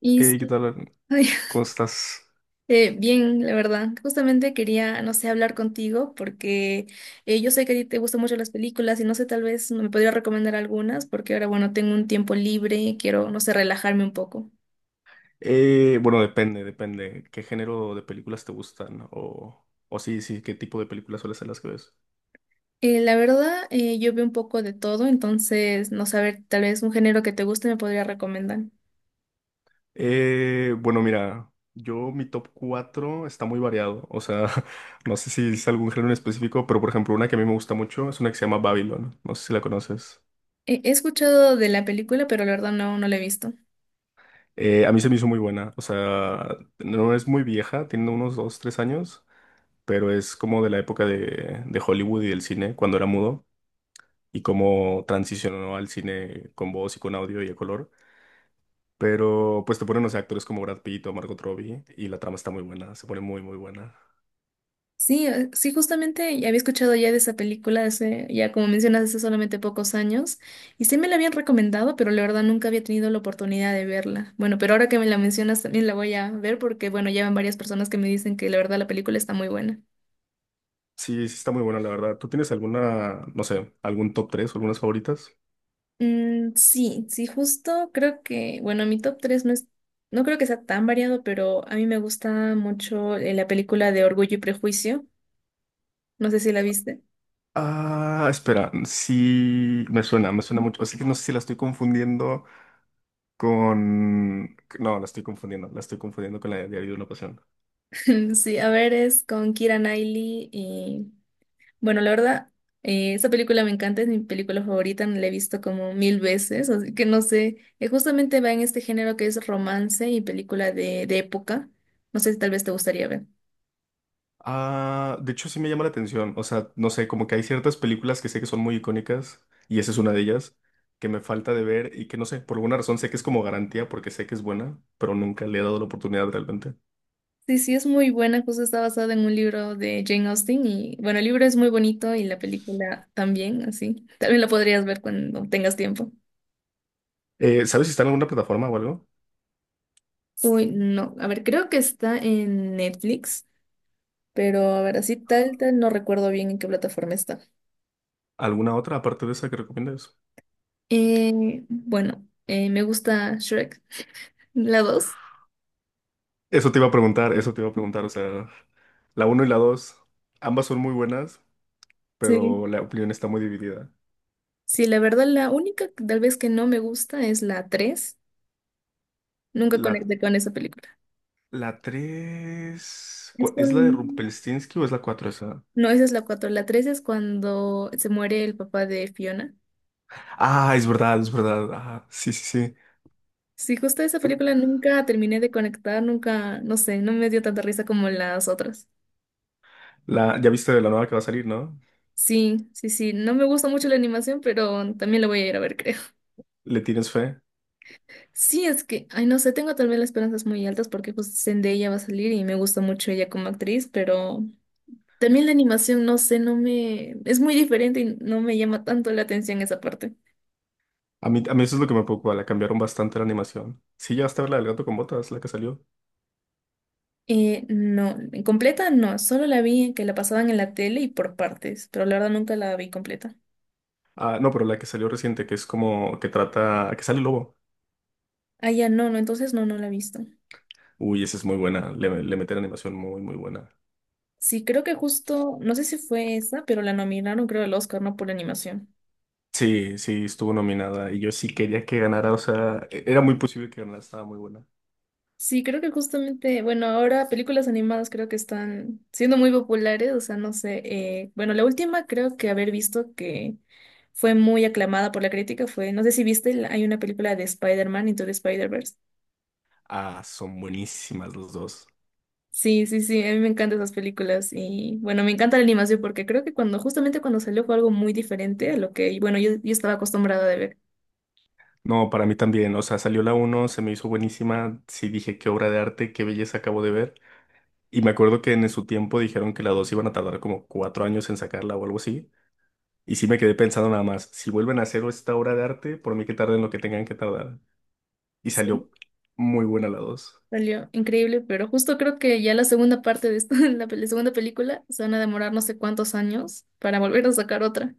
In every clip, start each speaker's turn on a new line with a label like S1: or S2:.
S1: Y sí,
S2: Hey, ¿qué tal, Arn?
S1: ay,
S2: ¿Cómo estás?
S1: bien, la verdad. Justamente quería, no sé, hablar contigo porque yo sé que a ti te gustan mucho las películas y no sé, tal vez me podría recomendar algunas porque ahora, bueno, tengo un tiempo libre, quiero, no sé, relajarme un poco.
S2: Bueno, depende. ¿Qué género de películas te gustan? O sí, sí, ¿qué tipo de películas suelen ser las que ves?
S1: La verdad, yo veo un poco de todo, entonces, no saber, tal vez un género que te guste me podría recomendar.
S2: Bueno, mira, yo mi top 4 está muy variado. O sea, no sé si es algún género en específico, pero por ejemplo, una que a mí me gusta mucho es una que se llama Babylon. No sé si la conoces.
S1: He escuchado de la película, pero la verdad no, no la he visto.
S2: A mí se me hizo muy buena. O sea, no es muy vieja, tiene unos 2, 3 años, pero es como de la época de Hollywood y del cine, cuando era mudo. Y cómo transicionó al cine con voz y con audio y a color. Pero pues te ponen, o sea, actores como Brad Pitt o Margot Robbie, y la trama está muy buena, se pone muy, muy buena.
S1: Sí, sí, justamente ya había escuchado ya de esa película hace, ya como mencionas, hace solamente pocos años, y sí me la habían recomendado, pero la verdad nunca había tenido la oportunidad de verla. Bueno, pero ahora que me la mencionas también la voy a ver porque, bueno, ya van varias personas que me dicen que la verdad la película está muy buena.
S2: Sí, sí está muy buena, la verdad. ¿Tú tienes alguna, no sé, algún top 3 o algunas favoritas?
S1: Mm, sí, sí, justo creo que, bueno, mi top 3 no es, no creo que sea tan variado, pero a mí me gusta mucho la película de Orgullo y Prejuicio. No sé si la viste.
S2: Ah, espera, sí, me suena mucho. Así que no sé si la estoy confundiendo con... No, la estoy confundiendo con la de Diario de una Pasión.
S1: Sí, a ver, es con Keira Knightley. Bueno, la verdad, esa película me encanta, es mi película favorita, la he visto como mil veces, así que no sé, justamente va en este género que es romance y película de época, no sé si tal vez te gustaría ver.
S2: Ah, de hecho sí me llama la atención. O sea, no sé, como que hay ciertas películas que sé que son muy icónicas, y esa es una de ellas, que me falta de ver y que no sé, por alguna razón sé que es como garantía porque sé que es buena, pero nunca le he dado la oportunidad realmente.
S1: Sí, sí, es muy buena, justo está basada en un libro de Jane Austen y bueno, el libro es muy bonito y la película también, así, tal vez la podrías ver cuando tengas tiempo.
S2: ¿Sabes si está en alguna plataforma o algo?
S1: Uy, no, a ver, creo que está en Netflix, pero a ver, así tal, no recuerdo bien en qué plataforma está.
S2: ¿Alguna otra aparte de esa que recomiendas?
S1: Bueno, me gusta Shrek, la dos.
S2: Eso te iba a preguntar, eso te iba a preguntar. O sea, la uno y la 2 ambas son muy buenas,
S1: Sí.
S2: pero la opinión está muy dividida.
S1: Sí, la verdad, la única que tal vez que no me gusta es la 3. Nunca
S2: La,
S1: conecté con esa película.
S2: la tres,
S1: Es
S2: ¿es la de
S1: con...
S2: Rumpelstiltskin o es la 4 esa?
S1: No, esa es la 4. La 3 es cuando se muere el papá de Fiona.
S2: Ah, es verdad, es verdad. Ah, sí, sí, sí.
S1: Sí, justo esa película nunca terminé de conectar, nunca, no sé, no me dio tanta risa como las otras.
S2: Ya viste de la nueva que va a salir, ¿no?
S1: Sí, sí, sí, no me gusta mucho la animación, pero también la voy a ir a ver, creo.
S2: ¿Le tienes fe?
S1: Sí, es que, ay, no sé, tengo también las esperanzas muy altas porque pues Zendaya va a salir y me gusta mucho ella como actriz, pero también la animación, no sé, no me... es muy diferente y no me llama tanto la atención esa parte.
S2: A mí eso es lo que me preocupa, la cambiaron bastante la animación. Sí, ya está la del gato con botas, la que salió.
S1: No, en completa no, solo la vi que la pasaban en la tele y por partes, pero la verdad nunca la vi completa.
S2: Ah, no, pero la que salió reciente, que es como que trata, que sale el lobo.
S1: Ah, ya no, no, entonces no, no la he visto.
S2: Uy, esa es muy buena, le meten animación muy, muy buena.
S1: Sí, creo que justo, no sé si fue esa, pero la nominaron creo al Oscar, ¿no? Por animación.
S2: Sí, sí, estuvo nominada y yo sí quería que ganara, o sea, era muy posible que ganara, estaba muy buena.
S1: Sí, creo que justamente, bueno, ahora películas animadas creo que están siendo muy populares, o sea, no sé, bueno, la última creo que haber visto que fue muy aclamada por la crítica fue, no sé si viste, hay una película de Spider-Man Into the Spider-Verse.
S2: Ah, son buenísimas los dos.
S1: Sí, sí, sí, a mí me encantan esas películas y bueno, me encanta la animación porque creo que cuando, justamente cuando salió fue algo muy diferente a lo que, bueno, yo estaba acostumbrada de ver.
S2: No, para mí también, o sea, salió la uno, se me hizo buenísima, sí dije qué obra de arte, qué belleza acabo de ver. Y me acuerdo que en su tiempo dijeron que la 2 iban a tardar como cuatro años en sacarla o algo así. Y sí me quedé pensando nada más, si vuelven a hacer esta obra de arte, por mí que tarden lo que tengan que tardar. Y salió muy buena la dos.
S1: Salió increíble, pero justo creo que ya la segunda parte de esto, la segunda película, se van a demorar no sé cuántos años para volver a sacar otra.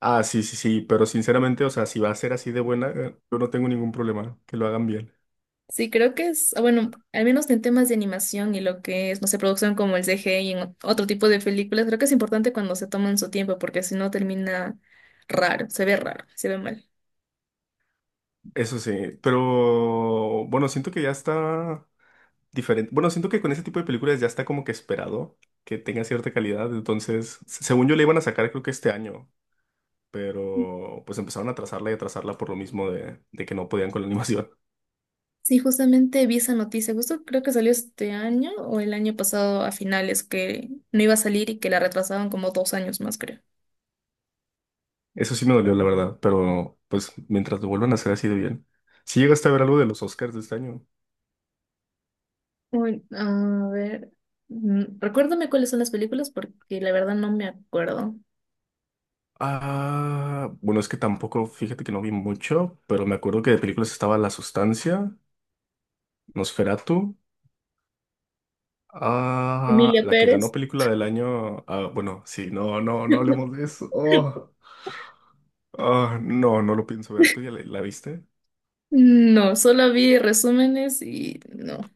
S2: Ah, sí, sí, sí, pero sinceramente, o sea, si va a ser así de buena, yo no tengo ningún problema, que lo hagan bien.
S1: Sí, creo que es, ah, bueno, al menos en temas de animación y lo que es, no sé, producción como el CGI y en otro tipo de películas, creo que es importante cuando se toman su tiempo, porque si no termina raro, se ve mal.
S2: Eso sí, pero bueno, siento que ya está diferente. Bueno, siento que con ese tipo de películas ya está como que esperado que tenga cierta calidad. Entonces, según yo le iban a sacar creo que este año, pero pues empezaron a atrasarla y atrasarla por lo mismo de que no podían con la animación.
S1: Sí, justamente vi esa noticia, justo creo que salió este año o el año pasado a finales, que no iba a salir y que la retrasaban como dos años más, creo.
S2: Eso sí me dolió, la verdad, pero pues mientras lo vuelvan a hacer así de bien. Si llegaste a ver algo de los Oscars de este año.
S1: Uy, a ver, mm, recuérdame cuáles son las películas porque la verdad no me acuerdo.
S2: Ah, bueno, es que tampoco, fíjate que no vi mucho, pero me acuerdo que de películas estaba La Sustancia, Nosferatu. Ah,
S1: Emilia
S2: la que ganó
S1: Pérez.
S2: película del año. Ah, bueno, sí, no, no, no hablemos de eso. Oh, ah, no, no lo pienso ver. ¿Tú ya la viste?
S1: No, solo vi resúmenes y no,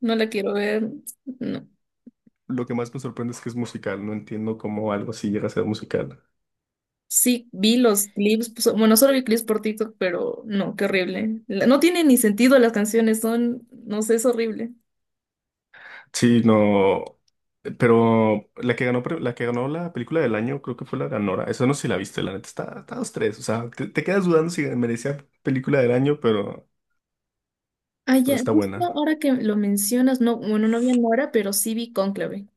S1: no la quiero ver. No.
S2: Lo que más me sorprende es que es musical. No entiendo cómo algo así llega a ser musical.
S1: Sí, vi los clips, pues, bueno, solo vi clips por TikTok, pero no, qué horrible. La... no tiene ni sentido las canciones, son, no sé, es horrible.
S2: Sí, no. Pero la que ganó, la que ganó la película del año, creo que fue la ganora. Eso no sé si la viste, la neta. Está, está dos, tres. O sea, te quedas dudando si merecía película del año,
S1: Ah,
S2: pero
S1: ya,
S2: está
S1: justo
S2: buena.
S1: ahora que lo mencionas, no, bueno, no vi Nora, pero sí vi Cónclave.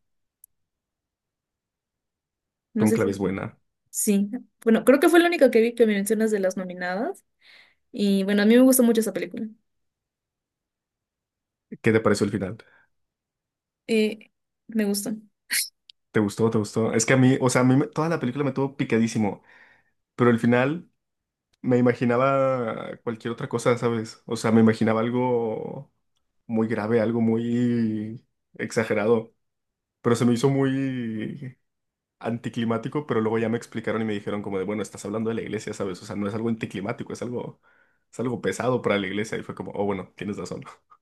S1: No sé si,
S2: Cónclave es buena.
S1: sí. Bueno, creo que fue la única que vi que me mencionas de las nominadas. Y bueno, a mí me gustó mucho esa película.
S2: ¿Qué te pareció el final?
S1: Eh, me gustó.
S2: ¿Te gustó? ¿Te gustó? Es que a mí, o sea, a mí toda la película me tuvo picadísimo, pero al final me imaginaba cualquier otra cosa, ¿sabes? O sea, me imaginaba algo muy grave, algo muy exagerado, pero se me hizo muy anticlimático, pero luego ya me explicaron y me dijeron como de, bueno, estás hablando de la iglesia, ¿sabes? O sea, no es algo anticlimático, es algo pesado para la iglesia y fue como, oh, bueno, tienes razón.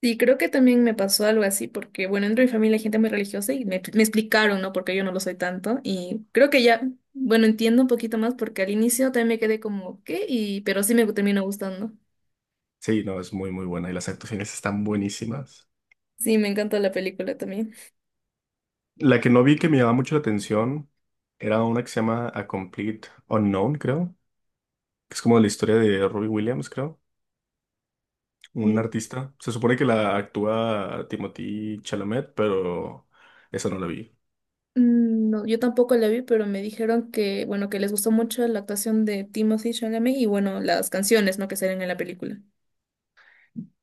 S1: Y creo que también me pasó algo así, porque bueno, dentro de mi familia hay gente muy religiosa y me explicaron, ¿no? Porque yo no lo soy tanto. Y creo que ya, bueno, entiendo un poquito más porque al inicio también me quedé como, ¿qué? Y, pero sí me terminó gustando.
S2: Sí, no, es muy, muy buena y las actuaciones están buenísimas.
S1: Sí, me encanta la película también.
S2: La que no vi que me llamaba mucho la atención era una que se llama A Complete Unknown, creo, que es como la historia de Robbie Williams, creo, un
S1: Sí.
S2: artista. Se supone que la actúa Timothée Chalamet, pero esa no la vi.
S1: Mm, no, yo tampoco la vi, pero me dijeron que, bueno, que les gustó mucho la actuación de Timothy Chalamet y bueno, las canciones, ¿no? Que salen en la película.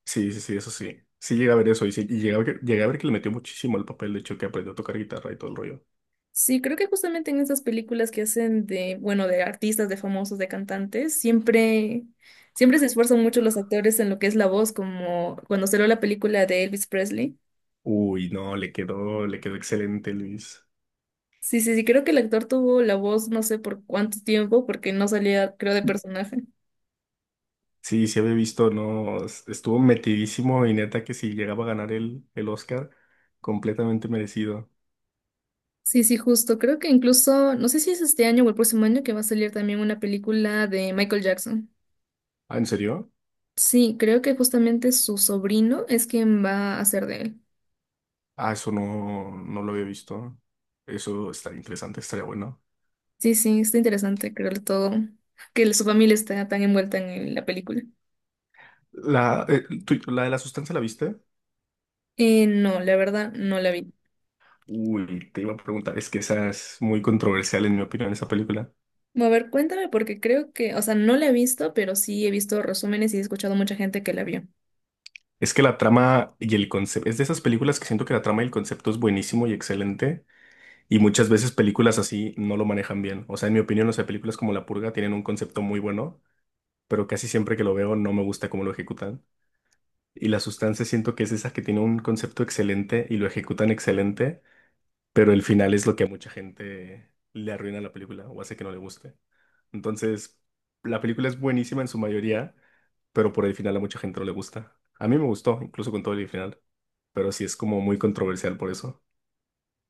S2: Sí, sí, sí, eso sí. Sí llegué a ver eso y, sí, y llegué a ver que le metió muchísimo al papel, de hecho, que aprendió a tocar guitarra y todo el rollo.
S1: Sí, creo que justamente en esas películas que hacen de, bueno, de artistas, de famosos, de cantantes, siempre, siempre se esfuerzan mucho los actores en lo que es la voz, como cuando salió la película de Elvis Presley.
S2: Uy, no, le quedó excelente, Luis.
S1: Sí, sí, sí, creo que el actor tuvo la voz no sé por cuánto tiempo, porque no salía, creo, de personaje.
S2: Sí, sí había visto, no, estuvo metidísimo y neta que si llegaba a ganar el Oscar, completamente merecido.
S1: Sí, sí, justo. Creo que incluso, no sé si es este año o el próximo año que va a salir también una película de Michael Jackson.
S2: Ah, ¿en serio?
S1: Sí, creo que justamente su sobrino es quien va a hacer de él.
S2: Ah, eso no, no lo había visto. Eso está interesante, estaría bueno.
S1: Sí, sí, está interesante creo todo, que su familia está tan envuelta en la película.
S2: La, la de la sustancia, ¿la viste?
S1: No, la verdad, no la vi.
S2: Uy, te iba a preguntar, es que esa es muy controversial en mi opinión, esa película.
S1: Bueno, a ver, cuéntame porque creo que, o sea, no la he visto, pero sí he visto resúmenes y he escuchado mucha gente que la vio.
S2: Es que la trama y el concepto, es de esas películas que siento que la trama y el concepto es buenísimo y excelente, y muchas veces películas así no lo manejan bien. O sea, en mi opinión, o sea, películas como La Purga tienen un concepto muy bueno, pero casi siempre que lo veo no me gusta cómo lo ejecutan. Y La Sustancia siento que es esa que tiene un concepto excelente y lo ejecutan excelente, pero el final es lo que a mucha gente le arruina la película o hace que no le guste. Entonces, la película es buenísima en su mayoría, pero por el final a mucha gente no le gusta. A mí me gustó, incluso con todo el final, pero sí es como muy controversial por eso.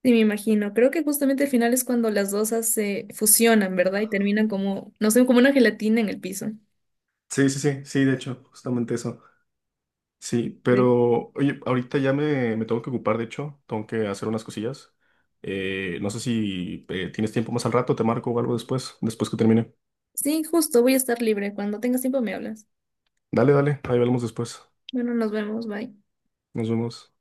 S1: Sí, me imagino. Creo que justamente el final es cuando las dos se fusionan, ¿verdad? Y terminan como, no sé, como una gelatina en el piso.
S2: Sí, sí, sí, sí, de hecho, justamente eso. Sí,
S1: Sí.
S2: pero oye, ahorita ya me tengo que ocupar, de hecho, tengo que hacer unas cosillas. No sé si tienes tiempo más al rato, te marco o algo después, después que termine.
S1: Sí, justo, voy a estar libre. Cuando tengas tiempo me hablas.
S2: Dale, dale, ahí hablamos después.
S1: Bueno, nos vemos, bye.
S2: Nos vemos.